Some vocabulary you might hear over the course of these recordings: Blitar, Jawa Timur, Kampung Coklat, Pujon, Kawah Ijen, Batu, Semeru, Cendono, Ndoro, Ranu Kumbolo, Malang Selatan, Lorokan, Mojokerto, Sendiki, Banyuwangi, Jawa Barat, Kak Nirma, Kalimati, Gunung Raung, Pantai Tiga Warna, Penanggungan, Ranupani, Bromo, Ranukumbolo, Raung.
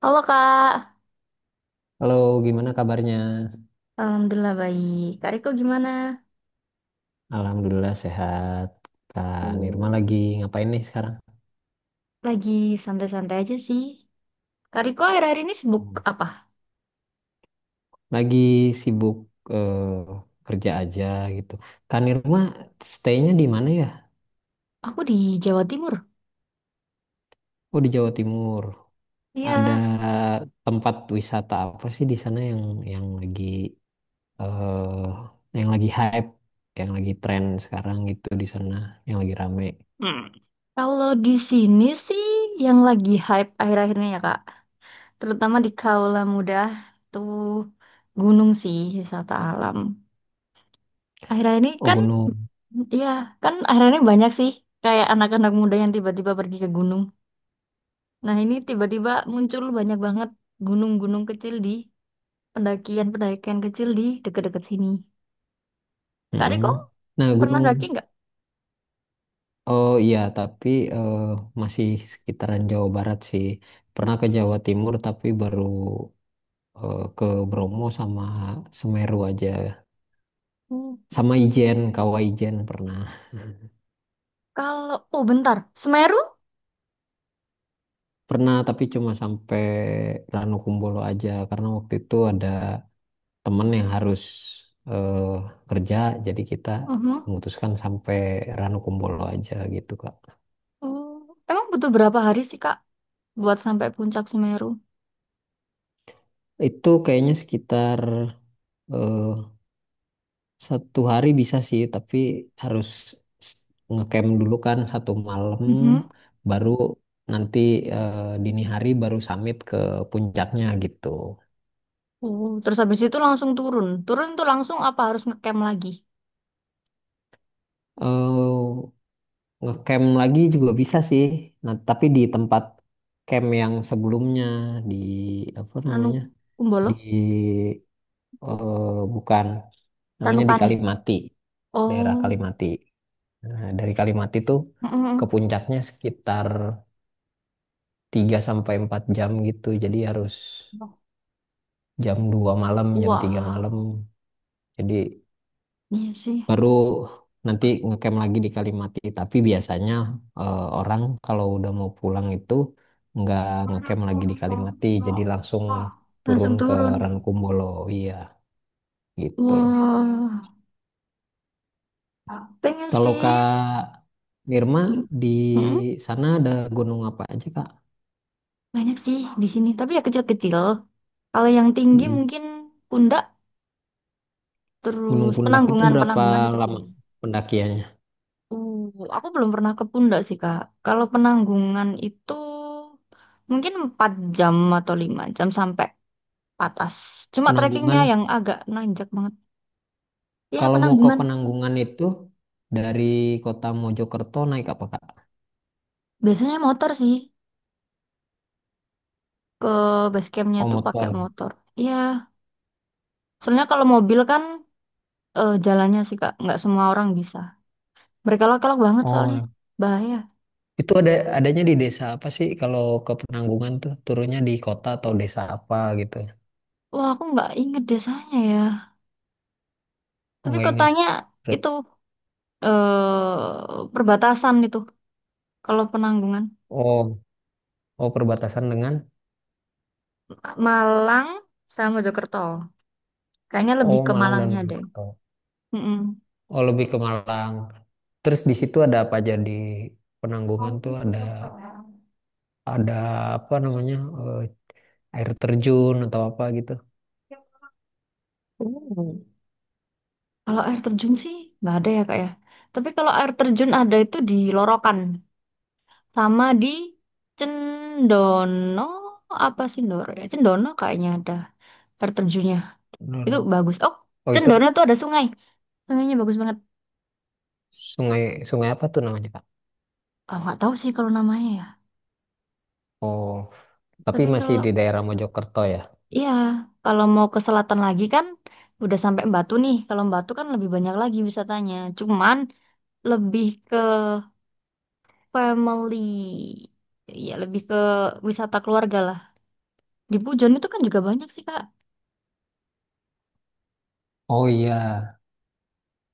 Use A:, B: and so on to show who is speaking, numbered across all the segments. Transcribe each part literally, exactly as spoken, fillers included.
A: Halo Kak.
B: Halo, gimana kabarnya?
A: Alhamdulillah baik. Kak Riko gimana?
B: Alhamdulillah sehat. Kak Nirma
A: Hmm.
B: lagi ngapain nih sekarang?
A: Lagi santai-santai aja sih. Kak Riko akhir-akhir ini sibuk
B: Hmm.
A: apa?
B: Lagi sibuk eh, kerja aja gitu. Kak Nirma stay-nya di mana ya?
A: Aku di Jawa Timur.
B: Oh, di Jawa Timur. Ada
A: Iya,
B: tempat wisata apa sih di sana yang yang lagi eh yang lagi hype, yang lagi tren sekarang gitu di sana, yang lagi rame?
A: Hmm. Kalau di sini sih yang lagi hype akhir-akhir ini, ya Kak, terutama di Kaula Muda tuh gunung sih, wisata alam. Akhir-akhir ini
B: Oh,
A: kan,
B: gunung.
A: iya kan akhir-akhir ini banyak sih kayak anak-anak muda yang tiba-tiba pergi ke gunung. Nah, ini tiba-tiba muncul banyak banget gunung-gunung kecil di pendakian-pendakian kecil di dekat-dekat sini. Kak Riko
B: Mm-mm. Nah,
A: pernah daki
B: gunung.
A: nggak?
B: Oh iya, tapi eh, masih sekitaran Jawa Barat sih. Pernah ke Jawa Timur tapi baru eh, ke Bromo sama Semeru aja.
A: Hmm.
B: Sama Ijen, Kawah Ijen pernah.
A: Kalau, oh, bentar, Semeru?
B: Pernah tapi cuma sampai Ranukumbolo aja karena waktu itu ada temen yang harus eh, kerja jadi kita
A: Mhm.
B: memutuskan sampai Ranukumbolo aja gitu Kak.
A: Oh, emang butuh berapa hari sih Kak buat sampai puncak Semeru?
B: Itu kayaknya sekitar eh, satu hari bisa sih, tapi harus s- ngecamp dulu kan satu malam,
A: Mhm.
B: baru nanti eh, dini hari baru summit ke puncaknya gitu.
A: Oh, terus habis itu langsung turun. Turun tuh langsung apa harus ngecamp lagi?
B: eh Ngecamp lagi juga bisa sih, nah tapi di tempat camp yang sebelumnya di apa
A: Ranu
B: namanya,
A: Kumbolo?
B: di eh, bukan, namanya di
A: Ranupani.
B: Kalimati, daerah
A: Oh.
B: Kalimati. Nah, dari Kalimati tuh ke
A: Mm-mm.
B: puncaknya sekitar tiga sampai empat jam gitu. Jadi harus jam dua malam, jam tiga
A: Wah,
B: malam. Jadi
A: iya sih.
B: baru nanti ngecamp lagi di Kalimati. Tapi biasanya eh, orang kalau udah mau pulang itu nggak ngecamp lagi di Kalimati. Jadi langsung turun
A: Langsung
B: ke
A: turun.
B: Rankumbolo. Iya, gitu.
A: Wah, pengen
B: Kalau
A: sih.
B: Kak Mirma di
A: Mm-mm.
B: sana ada gunung apa aja, Kak?
A: Banyak sih di sini, tapi ya kecil-kecil. Kalau yang tinggi
B: Mm.
A: mungkin Pundak,
B: Gunung
A: terus
B: Pundak itu
A: Penanggungan,
B: berapa
A: Penanggungan itu
B: lama
A: tinggi.
B: pendakiannya?
A: Uh, aku belum pernah ke Pundak sih, Kak. Kalau Penanggungan itu mungkin empat jam atau lima jam sampai atas. Cuma trekkingnya
B: Penanggungan.
A: yang agak nanjak banget. Ya,
B: Kalau mau ke
A: Penanggungan.
B: Penanggungan itu dari kota Mojokerto naik apa Kak?
A: Biasanya motor sih. Ke base campnya
B: Oh
A: tuh pakai
B: motor.
A: motor. Iya, soalnya kalau mobil kan eh, jalannya sih, Kak. Nggak semua orang bisa. Berkelok-kelok banget
B: Oh,
A: soalnya.
B: nah.
A: Bahaya.
B: Itu ada, adanya di desa apa sih kalau ke Penanggungan tuh turunnya di kota atau desa apa gitu?
A: Wah, aku nggak inget desanya ya.
B: Oh
A: Tapi
B: nggak ingat.
A: kotanya itu
B: Bet-
A: eh perbatasan itu. Kalau Penanggungan,
B: Oh, oh perbatasan dengan.
A: Malang sama Mojokerto. Kayaknya lebih
B: Oh
A: ke
B: Malang dan
A: Malangnya deh.
B: Mojokerto.
A: Mm-mm.
B: Oh lebih ke Malang. Terus di situ ada apa aja di Penanggungan tuh ada ada apa namanya, eh, air terjun atau apa gitu?
A: Oh. Kalau air terjun sih nggak ada ya Kak ya. Tapi kalau air terjun ada itu di Lorokan sama di Cendono, apa sih Ndoro ya? Cendono kayaknya ada air terjunnya. Itu
B: Hmm.
A: bagus. Oh,
B: Oh
A: Cendono
B: itu
A: tuh ada sungai. Sungainya bagus banget.
B: sungai sungai apa tuh namanya Kak?
A: Oh, nggak tahu sih kalau namanya ya.
B: Oh. Tapi
A: Tapi
B: masih
A: kalau
B: di daerah Mojokerto ya?
A: iya, kalau mau ke selatan lagi kan udah sampai Batu nih. Kalau Batu kan lebih banyak lagi wisatanya. Cuman lebih ke family. Ya, lebih ke wisata keluarga lah. Di Pujon itu kan juga banyak sih, Kak.
B: Oh iya.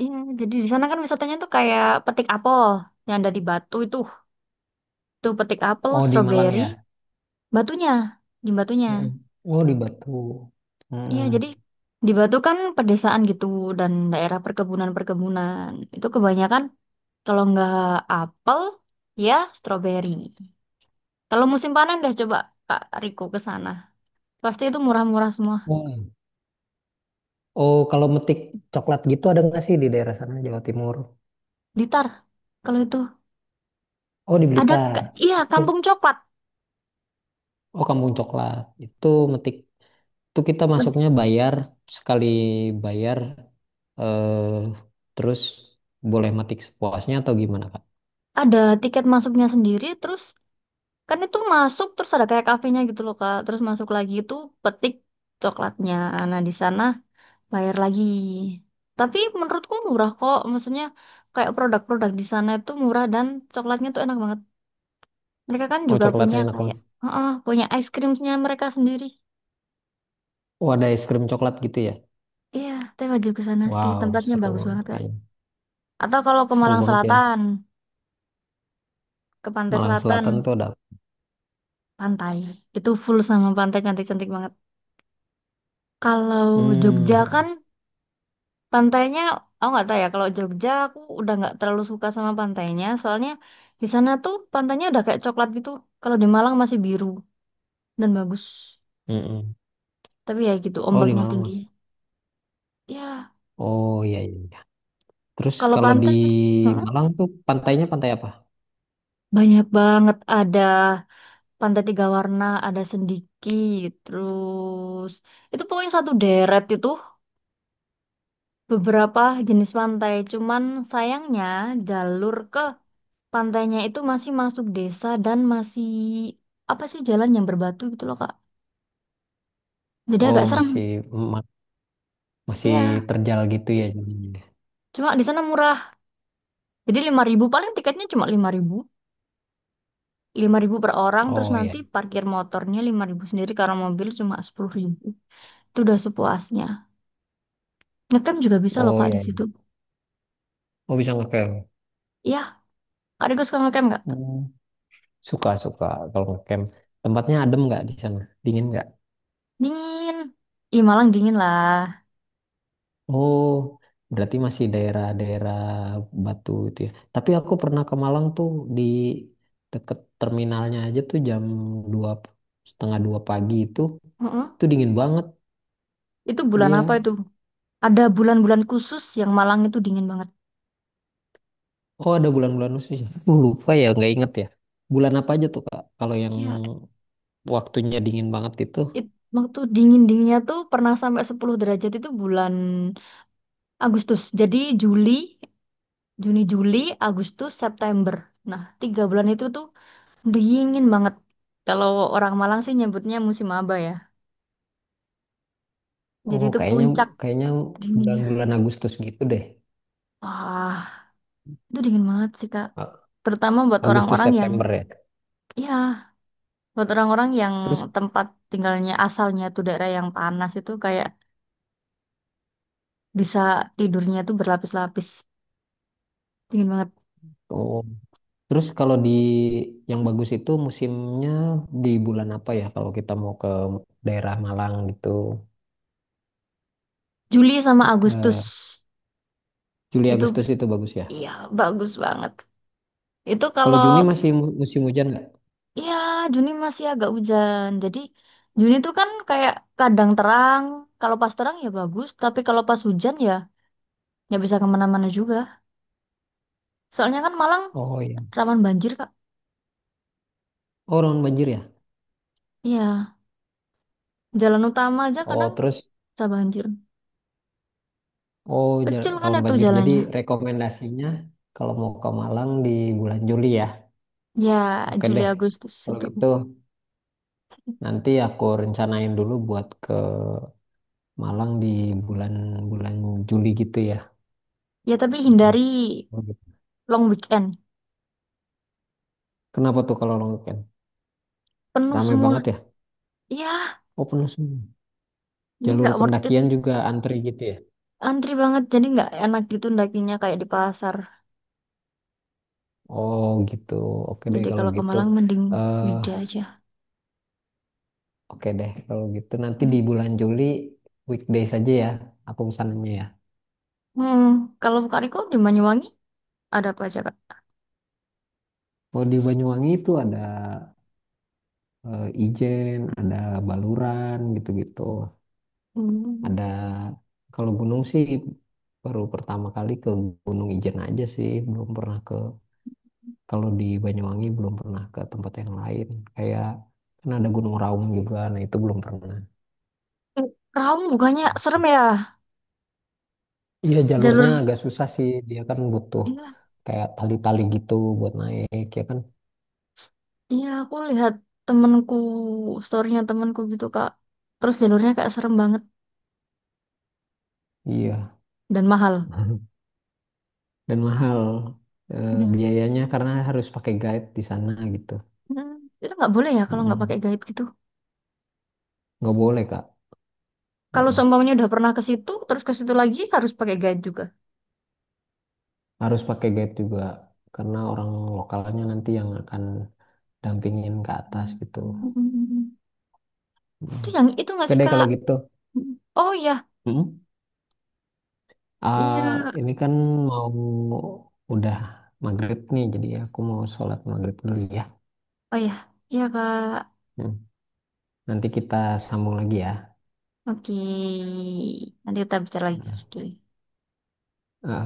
A: Iya, jadi di sana kan wisatanya tuh kayak petik apel yang ada di Batu itu. Tuh petik apel,
B: Oh di Malang
A: stroberi,
B: ya?
A: batunya, di batunya.
B: Mm-mm. Oh di Batu.
A: Iya, jadi
B: Mm-mm.
A: di Batu kan pedesaan gitu dan daerah perkebunan-perkebunan. Itu kebanyakan kalau nggak apel, ya stroberi. Kalau musim panen dah coba Kak Riko ke sana. Pasti itu murah-murah semua.
B: Oh, oh kalau metik coklat gitu ada nggak sih di daerah sana Jawa Timur?
A: Blitar, kalau itu
B: Oh di
A: ada
B: Blitar.
A: Kak- Iya,
B: Itu.
A: Kampung Coklat.
B: Oh Kampung Coklat. Itu metik. Itu kita
A: Bet-
B: masuknya bayar sekali bayar eh terus boleh metik sepuasnya atau gimana Kak?
A: Ada tiket masuknya sendiri terus kan itu masuk terus ada kayak kafenya gitu loh Kak. Terus masuk lagi itu petik coklatnya. Nah, di sana bayar lagi. Tapi menurutku murah kok. Maksudnya kayak produk-produk di sana itu murah dan coklatnya tuh enak banget. Mereka kan
B: Oh
A: juga punya
B: coklatnya enak
A: kayak,
B: banget.
A: oh, punya ice creamnya mereka sendiri.
B: Oh ada es krim coklat gitu ya?
A: Iya, teh wajib ke sana sih.
B: Wow
A: Tempatnya
B: seru
A: bagus
B: banget
A: banget, Kak.
B: kayaknya.
A: Atau kalau ke
B: Seru
A: Malang
B: banget ya.
A: Selatan, ke Pantai
B: Malang
A: Selatan,
B: Selatan tuh ada.
A: pantai. Itu full sama pantai cantik-cantik banget. Kalau Jogja kan
B: Hmm,
A: pantainya, aku nggak tahu ya. Kalau Jogja aku udah nggak terlalu suka sama pantainya, soalnya di sana tuh pantainya udah kayak coklat gitu. Kalau di Malang masih biru dan bagus.
B: mm-mm.
A: Tapi ya gitu,
B: Oh di
A: ombaknya
B: Malang
A: tinggi.
B: mas.
A: Ya,
B: Oh iya iya. Iya. Terus
A: kalau
B: kalau di
A: pantai gitu, heeh,
B: Malang tuh pantainya pantai apa?
A: banyak banget, ada Pantai Tiga Warna, ada Sendiki, terus itu pokoknya satu deret itu beberapa jenis pantai. Cuman sayangnya jalur ke pantainya itu masih masuk desa dan masih apa sih jalan yang berbatu gitu loh Kak. Jadi
B: Oh
A: agak serem.
B: masih ma- masih
A: Iya,
B: terjal gitu ya jadinya.
A: cuma di sana murah. Jadi lima ribu, paling tiketnya cuma lima ribu, lima ribu per orang, terus
B: Oh iya.
A: nanti parkir motornya lima ribu sendiri karena mobil cuma sepuluh ribu. Itu udah sepuasnya. Ngetem juga bisa loh
B: Oh
A: Kak di
B: iya.
A: situ.
B: Iya. Oh bisa ngecamp.
A: Iya, Kak Diego suka ngetem nggak?
B: Hmm. Suka suka kalau ngecamp. Tempatnya adem nggak di sana? Dingin nggak?
A: Dingin. Ih, Malang dingin lah.
B: Oh berarti masih daerah-daerah Batu itu ya. Tapi aku pernah ke Malang tuh di deket terminalnya aja tuh jam dua setengah dua pagi itu
A: mm
B: Itu dingin banget.
A: Itu bulan apa
B: Iya.
A: itu? Ada bulan-bulan khusus yang Malang itu dingin banget.
B: Oh, ada bulan-bulan khusus. Aku lupa ya, nggak inget ya. Bulan apa aja tuh, Kak? Kalau yang
A: Ya,
B: waktunya dingin banget itu.
A: it- waktu dingin-dinginnya tuh pernah sampai sepuluh derajat itu bulan Agustus. Jadi Juli, Juni, Juli, Agustus, September. Nah, tiga bulan itu tuh dingin banget. Kalau orang Malang sih nyebutnya musim aba ya. Jadi
B: Oh,
A: itu
B: kayaknya
A: puncak
B: kayaknya
A: dinginnya.
B: bulan-bulan Agustus gitu deh.
A: Wah, itu dingin banget sih, Kak.
B: A-
A: Terutama buat
B: Agustus
A: orang-orang yang,
B: September ya.
A: ya, buat orang-orang yang
B: Terus
A: tempat tinggalnya asalnya tuh daerah yang panas itu kayak bisa tidurnya tuh berlapis-lapis. Dingin banget.
B: oh, terus kalau di yang bagus itu musimnya di bulan apa ya? Kalau kita mau ke daerah Malang gitu.
A: Juli sama Agustus
B: Eh, Juli
A: itu,
B: Agustus itu bagus ya.
A: iya, bagus banget. Itu
B: Kalau
A: kalau,
B: Juni masih mu- musim hujan nggak?
A: ya, Juni masih agak hujan. Jadi Juni tuh kan kayak kadang terang. Kalau pas terang ya bagus, tapi kalau pas hujan ya nggak bisa kemana-mana juga. Soalnya kan Malang
B: Oh iya.
A: rawan banjir, Kak.
B: Oh, rawan banjir ya.
A: Iya, jalan utama aja kadang
B: Oh, terus.
A: bisa banjir.
B: Oh, ja-
A: Kecil kan
B: tahun
A: itu
B: banjir. Jadi
A: jalannya.
B: rekomendasinya kalau mau ke Malang di bulan Juli ya.
A: Ya,
B: Oke
A: Juli
B: deh.
A: Agustus
B: Kalau
A: itu.
B: gitu nanti aku rencanain dulu buat ke Malang di bulan-bulan Juli gitu ya.
A: Ya, tapi hindari
B: Mm.
A: long weekend.
B: Kenapa tuh kalau long weekend?
A: Penuh
B: Ramai
A: semua.
B: banget ya?
A: Ya,
B: Oh, penuh semua.
A: jadi
B: Jalur
A: nggak worth it.
B: pendakian juga antri gitu ya?
A: Antri banget, jadi nggak enak gitu dakinya kayak di pasar.
B: Oh, gitu. Oke deh
A: Jadi
B: kalau
A: kalau ke
B: gitu.
A: Malang mending
B: eh
A: weekday aja.
B: Oke deh kalau gitu nanti di bulan Juli weekdays aja ya. Aku pesannya ya.
A: Hmm, kalau Kak Riko di Banyuwangi ada apa aja, Kak?
B: Oh, di Banyuwangi itu ada eh, Ijen, ada Baluran gitu-gitu.
A: Hmm.
B: Ada, kalau gunung sih baru pertama kali ke Gunung Ijen aja sih, belum pernah ke, kalau di Banyuwangi belum pernah ke tempat yang lain. Kayak kan ada Gunung Raung juga, nah itu belum pernah.
A: Eh, Raung bukannya serem ya?
B: Iya jalurnya
A: Jalur.
B: agak susah sih, dia kan butuh
A: Iya,
B: kayak tali-tali gitu buat naik ya kan.
A: iya, aku lihat temenku, storynya temenku gitu, Kak. Terus jalurnya kayak serem banget
B: Iya.
A: dan mahal.
B: Dan mahal eh,
A: Iya.
B: biayanya karena harus pakai guide di sana gitu.
A: Hmm, Itu nggak boleh ya kalau nggak pakai
B: Mm.
A: guide gitu.
B: Nggak boleh, Kak.
A: Kalau
B: Heeh.
A: seumpamanya udah pernah ke situ, terus ke situ lagi harus pakai guide juga.
B: Harus pakai guide juga karena orang lokalnya nanti yang akan dampingin ke atas gitu.
A: Hmm. Itu yang itu nggak
B: Oke
A: sih
B: deh
A: Kak?
B: kalau gitu.
A: Oh iya,
B: Mm-mm. Ah,
A: iya.
B: ini kan mau udah maghrib nih, jadi aku mau sholat maghrib dulu ya.
A: Oh iya, iya, Kak.
B: Hmm. Nanti kita sambung lagi ya.
A: Oke, nanti kita bicara lagi.
B: Hmm.